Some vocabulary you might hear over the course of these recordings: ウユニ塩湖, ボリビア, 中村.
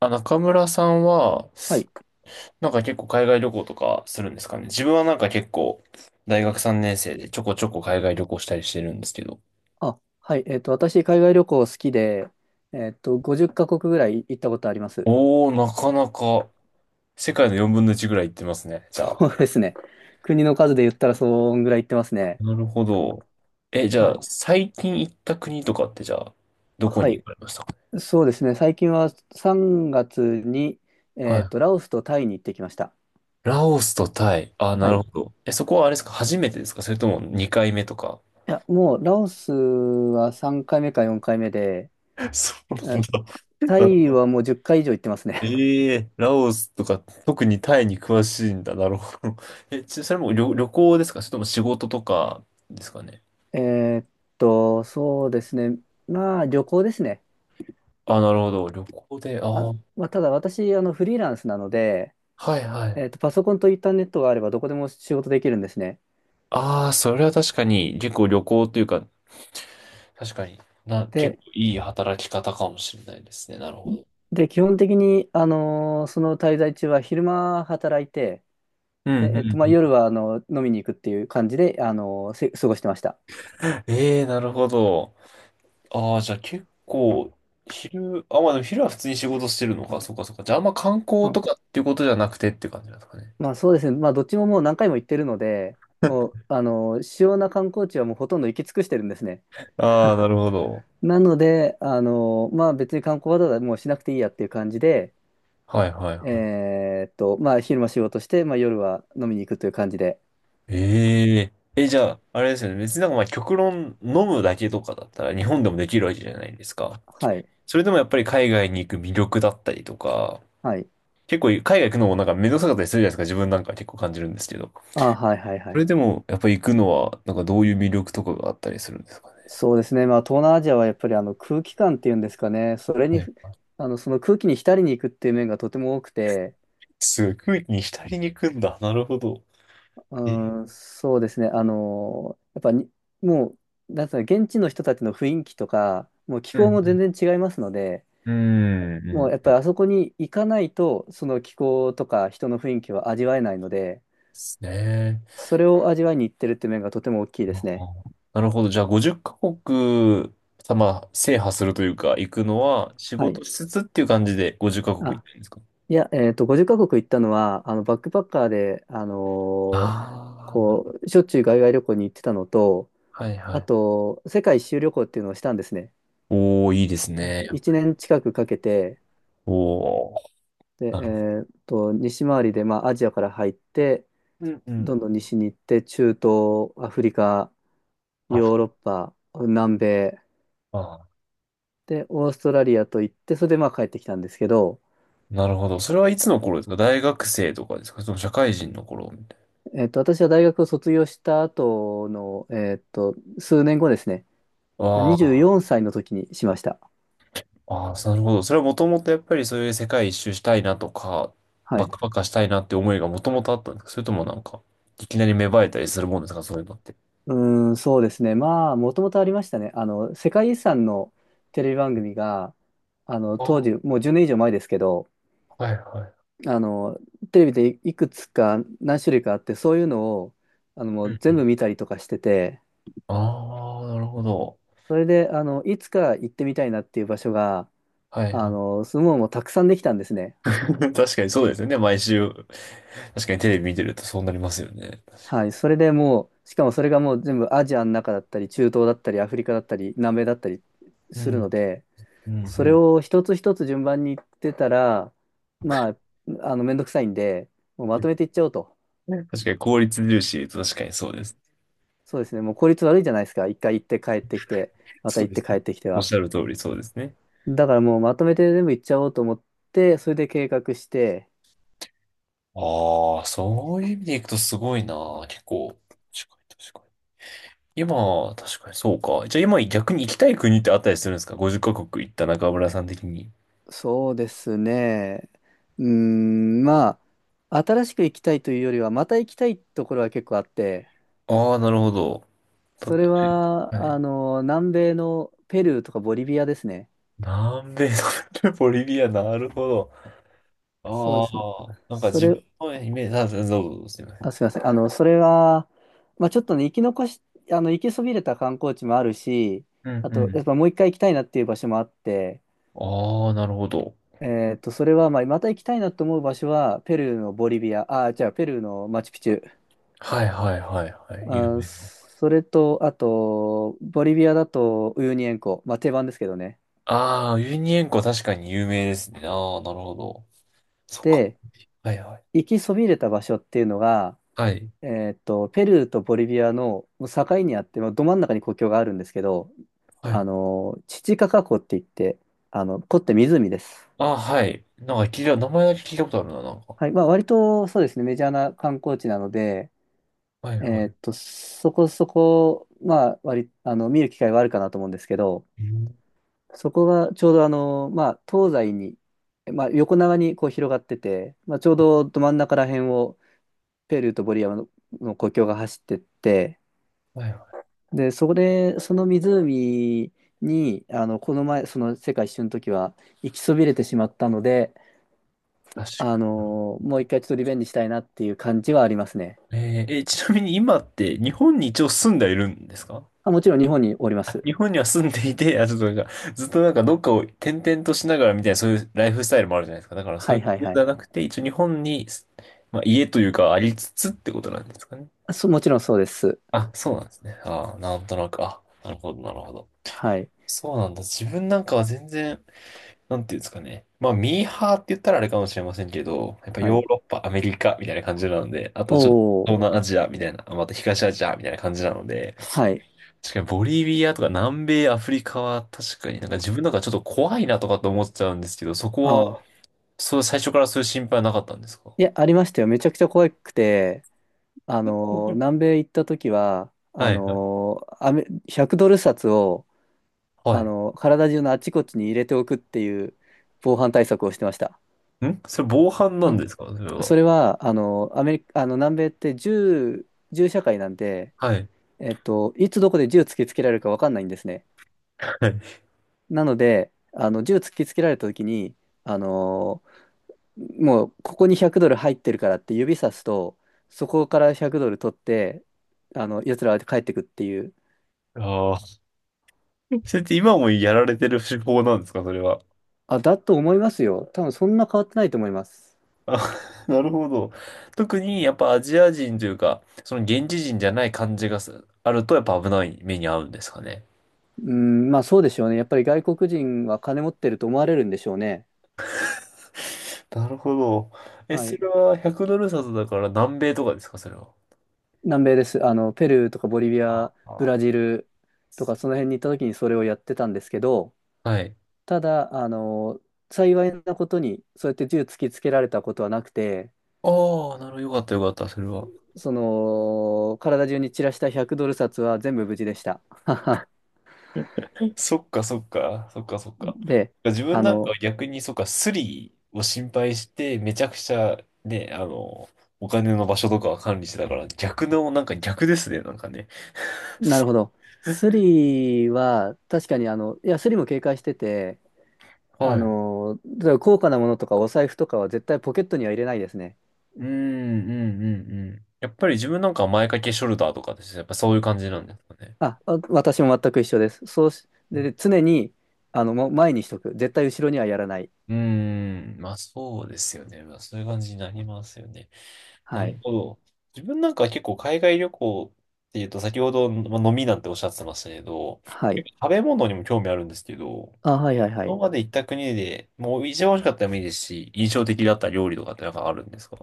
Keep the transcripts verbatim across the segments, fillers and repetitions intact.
あ、中村さんは、はい。なんか結構海外旅行とかするんですかね。自分はなんか結構、大学さんねん生でちょこちょこ海外旅行したりしてるんですけど。あ、はい。えっと、私、海外旅行好きで、えっと、ごじゅっカ国ぐらい行ったことあります。おー、なかなか、世界のよんぶんのいちぐらい行ってますね、じゃそあ。うですね。国の数で言ったら、そんぐらい行ってますね。なるほど。え、じゃはあ、い。最近行った国とかってじゃあ、どこはにい。行かれましたか？そうですね。最近はさんがつに、はえっい。と、ラオスとタイに行ってきました。ラオスとタイ。あ、なはい。るほいど。え、そこはあれですか？初めてですか？それともにかいめとか？ や、もう、ラオスはさんかいめかよんかいめで、そうえなんタイだ。はもうじゅっかい以上行ってますね。ええ、ラオスとか、特にタイに詳しいんだ。なるほど。え、ち、それも旅、旅行ですか？それとも仕事とかですかね。えーっと、そうですね。まあ、旅行ですね。あ、なるほど。旅行で、ああ、あ、はまあ、ただ私、あの、フリーランスなので、いはい。えっと、パソコンとインターネットがあればどこでも仕事できるんですね。ああ、それは確かに、結構旅行というか、確かにな、結で、構いい働き方かもしれないですね。なるほど。で、基本的に、あのーその滞在中は昼間働いて、うんで、うえっと、んまあ、うん。夜は、あの、飲みに行くっていう感じで、あのーせ過ごしてました。ええ、なるほど。ああ、じゃあ結構、昼、あ、まあでも昼は普通に仕事してるのか。そうかそうか。じゃああんま観う光とん。かっていうことじゃなくてって感じなんですかね。まあ、そうですね。まあ、どっちももう何回も行ってるので、もう、あのー主要な観光地はもうほとんど行き尽くしてるんですね。ああ、なるほど。なので、あのーまあ、別に観光わざわざもうしなくていいやっていう感じで、はいはいはい。えーっと、まあ、昼間仕事して、まあ、夜は飲みに行くという感じで、えええ、じゃあ、あれですよね。別になんかまあ極論飲むだけとかだったら日本でもできるわけじゃないですか。はい。それでもやっぱり海外に行く魅力だったりとか、はい。結構海外行くのもなんか面倒くさかったりするじゃないですか。自分なんか結構感じるんですけど。あ、はいはいはそれい。でもやっぱり行くのはなんかどういう魅力とかがあったりするんですかね。そうですね。まあ、東南アジアはやっぱりあの空気感っていうんですかね。それはに、い。あの、その空気に浸りに行くっていう面がとても多くて、すごい、空気に浸りに行くんだ。なるほど。え、うん、そうですね。あの、やっぱに、もう、なんつうの、現地の人たちの雰囲気とか、もう気う候も全ん然違いますので、うん。うん、もうやっうぱん。でりあそこに行かないと、その気候とか人の雰囲気は味わえないので、すね。それを味わいに行ってるっていう面がとても大きいであすね。ーなるほど。じゃあ、ごじゅうカ国、さ、まあ、制覇するというか、行くのは、仕はい。事しつつっていう感じでごじゅうカ国行あったんですか？いや、えっと、ごじゅっカ国行ったのは、あの、バックパッカーで、あのーああー、なるほこう、しょっちゅう海外旅行に行ってたのと、ど。はいはあい。と、世界一周旅行っていうのをしたんですね。おー、いいですえっと、ね。いちねん近くかけて、おー。で、なるえっと、西回りで、まあ、アジアから入って、うんうどん。んどん西に行って、中東、アフリカ、あ、ヨーロッパ、南米、あで、オーストラリアと行って、それで、まあ、帰ってきたんですけど、ー、なるほど。それはいつの頃ですか？大学生とかですか？その社会人の頃みたいえっと、私は大学を卒業した後の、えっと、数年後ですね、な。あ24ー歳の時にしました。あー、なるほど。それはもともとやっぱりそういう世界一周したいなとか、はバッい。クパッカーしたいなって思いがもともとあったんですか？それともなんか、いきなり芽生えたりするもんですかそういうのって。うーん、そうですね。まあ、もともとありましたね。あの、世界遺産のテレビ番組が、あの、あ当ー時、もうじゅうねん以上前ですけど、はいはい。あの、テレビでいいくつか何種類かあって、そういうのを、あの、もうう全ん。部見たりとかしてて、ああ、なるほど。それで、あの、いつか行ってみたいなっていう場所が、はいあはい。の、すごいもうたくさんできたんですね。確かにそうですよね。毎週。確かにテレビ見てるとそうなりますよね。はい。それでもう、しかもそれがもう全部アジアの中だったり、中東だったり、アフリカだったり、南米だったりうするん、ので、うん、うそれん。を一つ一つ順番に言ってたら、まあ、あの、めんどくさいんで、もうまとめ ていっちゃおうと。ね、確かに効率重視と、確かにそうです。そうですね。もう効率悪いじゃないですか。一回行って帰ってきて、またそう行っでてす帰ね。ってきておっは。しゃる通りそうですね。だからもうまとめて全部行っちゃおうと思って、それで計画して、ああ、そういう意味でいくとすごいな。結構。確かに確かに。今、確かにそうか。じゃあ今逆に行きたい国ってあったりするんですか？ ごじゅう カ国行った中村さん的に。そうですね。うーん、まあ、新しく行きたいというよりは、また行きたいところは結構あって、ああ、なるほど。たはそれは、あいの、南米のペルーとかボリビアですね。南米の ボリビア、なるほど。そうであすね。あ、なんかそ自分れ、のイメージ、あ、どうぞ、どうぞすいません。あ、すみません。あの、それは、まあ、ちょっとね、生き残し、あの、行きそびれた観光地もあるし、うんあうと、やっん。ぱもう一回行きたいなっていう場所もあって、ああ、なるほど。えっと、それは、まあ、また行きたいなと思う場所は、ペルーのボリビア、あ、じゃあ、ペルーのマチュピチュ。はいはいはいはい。有あ、名な。それと、あと、ボリビアだと、ウユニ塩湖。まあ、定番ですけどね。ああ、ウユニ塩湖確かに有名ですね。ああ、なるほど。そっか。で、はいはい。行きそびれた場所っていうのが、はい。えっと、ペルーとボリビアのもう境にあって、まあ、ど真ん中に国境があるんですけど、はあい。の、チチカカ湖って言って、あの、湖って湖です。ああ、はい。なんか聞いた、名前だけ聞いたことあるな、なんか。はい。まあ、割とそうですね、メジャーな観光地なので、はいえーっはと、そこそこ、まあ、割、あの、見る機会はあるかなと思うんですけど、い。うん、そこがちょうどあの、まあ、東西に、まあ、横長にこう広がってて、まあ、ちょうどど真ん中ら辺をペルーとボリビアの、の国境が走ってって、はいはい。で、そこで、その湖に、あの、この前、その世界一周の時は行きそびれてしまったので、確あかのーもう一回ちょっとリベンジしたいなっていう感じはありますね。に。えーえ、ちなみに今って日本に一応住んでいるんですか？あ、もちろん日本におりまあ、す。日本には住んでいて、あ、ちょっとなんか、ずっとなんかどっかを転々としながらみたいな、そういうライフスタイルもあるじゃないですか。だからそはういいうこはいとはじゃい。なくて、一応日本に、まあ、家というかありつつってことなんですかね。あそ、もちろんそうです。あ、そうなんですね。ああ、なんとなく、あ、なるほど、なるほど。はい。そうなんだ。自分なんかは全然、なんていうんですかね。まあ、ミーハーって言ったらあれかもしれませんけど、やっぱはヨーい。ロッパ、アメリカみたいな感じなので、あとちょっとお東ー。南アジアみたいな、あ、また東アジアみたいな感じなので、はい。確かにボリビアとか南米アフリカは確かになんか自分なんかちょっと怖いなとかと思っちゃうんですけど、そあこは、あ。そう、最初からそういう心配はなかったんですか？いや、ありましたよ。めちゃくちゃ怖くて、あのー南米行った時は、はあいはい。のーアメ、ひゃくドル札を、はあい。のー体中のあちこちに入れておくっていう防犯対策をしてました。んそれ防犯なんですあかそれは。それは、あのーアメリカ、あの、南米って銃、銃社会なんで、はい。えっと、いつどこで銃突きつけられるか分かんないんですね。はい。なので、あの銃突きつけられた時に、あのーもうここにひゃくドル入ってるからって指さすと、そこからひゃくドル取って、あの、奴らは帰ってくっていう。ああ。それって今もやられてる手法なんですかそれは。あ、だと思いますよ。多分そんな変わってないと思います。あ、なるほど。特にやっぱアジア人というか、その現地人じゃない感じがすあるとやっぱ危ない目に遭うんですかね。うん、まあそうでしょうね。やっぱり外国人は金持ってると思われるんでしょうね。なるほど。え、はそい。れはひゃくドル札だから南米とかですか、それは。南米です。あの、ペルーとかボリビあア、ブラあ、ジルとかその辺に行った時にそれをやってたんですけど、はい。ただ、あの、幸いなことに、そうやって銃突きつけられたことはなくて、ああ、なるほど。よかった、よかった、それは。その、体中に散らしたひゃくドル札は全部無事でした。そっかそっか、そっかそっか。で、自分あなんかの、は逆にそっか、スリを心配して、めちゃくちゃね、あの、お金の場所とかは管理してたから、逆の、なんか逆ですね、なんかね。なるほど。スリは、確かに、あの、いや、スリも警戒してて、あはい。の、例えば高価なものとかお財布とかは絶対ポケットには入れないですね。うん、うん、うん、うん。やっぱり自分なんかは前掛けショルダーとかですね、やっぱそういう感じなんですかね。あ、わ私も全く一緒です。そうし、で、常に、あの、もう前にしとく。絶対後ろにはやらない。うん、まあそうですよね。まあそういう感じになりますよね。なはるい。ほど。自分なんかは結構海外旅行っていうと、先ほど、まあ飲みなんておっしゃってましたけど、は結い。構食べ物にも興味あるんですけど、あ、はいはいは今い。まで行った国で、もう一番美味しかったらもいいですし、印象的だった料理とかってなんかあるんですか？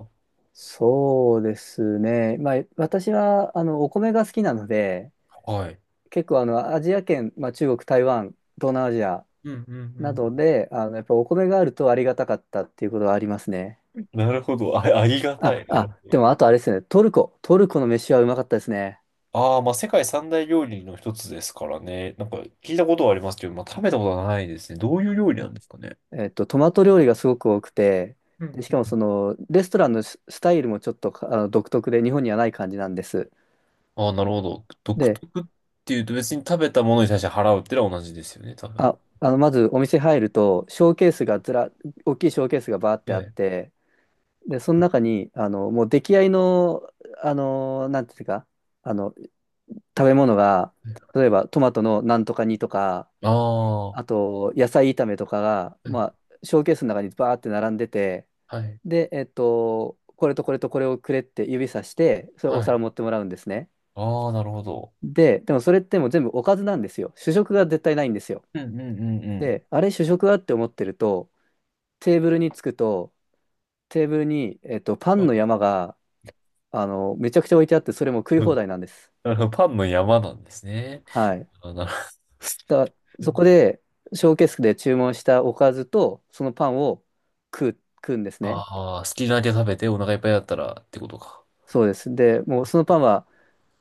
そうですね。まあ、私は、あの、お米が好きなので、はい。結構、あの、アジア圏、まあ、中国、台湾、東南アジアうんうなんどで、あの、やっぱお米があるとありがたかったっていうことはありますね。うん。なるほど。あ、ありがたあ、い。なるほあ、ど。でも、あとあれですね。トルコ。トルコの飯はうまかったですね。ああ、まあ世界三大料理の一つですからね。なんか聞いたことはありますけど、まあ食べたことはないですね。どういう料理なんあですかね。えっと、トマト料理がすごく多くて、でしかも、その、レストランのススタイルもちょっと、あの、独特で、日本にはない感じなんです。ああ、なるほど。独で、特っていうと別に食べたものに対して払うってのは同じですよね、多分。あ、あの、まずお店入ると、ショーケースがずら、大きいショーケースがバーっえてあっえ。て、で、その中に、あの、もう出来合いの、あの、なんていうか、あの、食べ物が、例えばトマトのなんとか煮とか、ああ、はあと、野菜炒めとかが、まあ、い、ショーケースの中にバーって並んでて、はい。で、えっと、これとこれとこれをくれって指さして、それおは皿い、持ってもらうんですね。ああ、なるほど。で、でもそれってもう全部おかずなんですよ。主食が絶対ないんですよ。うんうんうんうん。で、あれ主食はって思ってると、テーブルに着くと、テーブルに、えっと、パンあ、の山があの、めちゃくちゃ置いてあって、それも食いう放ん、題なんです。なるほど、パンの山なんですね。はい。あ、なるだから、ほそこど。で、ショーケースで注文したおかずと、そのパンを食う、食うんですね。ああ、好きなだけ食べてお腹いっぱいだったらってことか。そうです。で、もうそのパンは、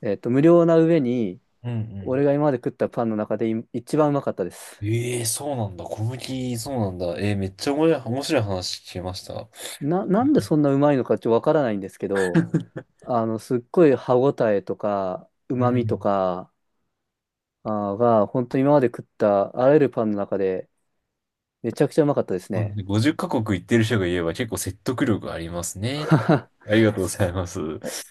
えっと、無料な上に、うん俺うが今まで食ったパンの中でい一番うまかったです。ん。ええ、そうなんだ。小麦、そうなんだ。ええ、めっちゃ面白い、面白い話聞けました。な、なんでそんなうまいのかちょっとわからないんですけど、あの、すっごい歯ごたえとか、ううまみとん。か、あーが、本当に今まで食ったあらゆるパンの中で、めちゃくちゃうまかったですまね。あごじゅうカ国行ってる人が言えば結構説得力ありますね。ありがとうございます。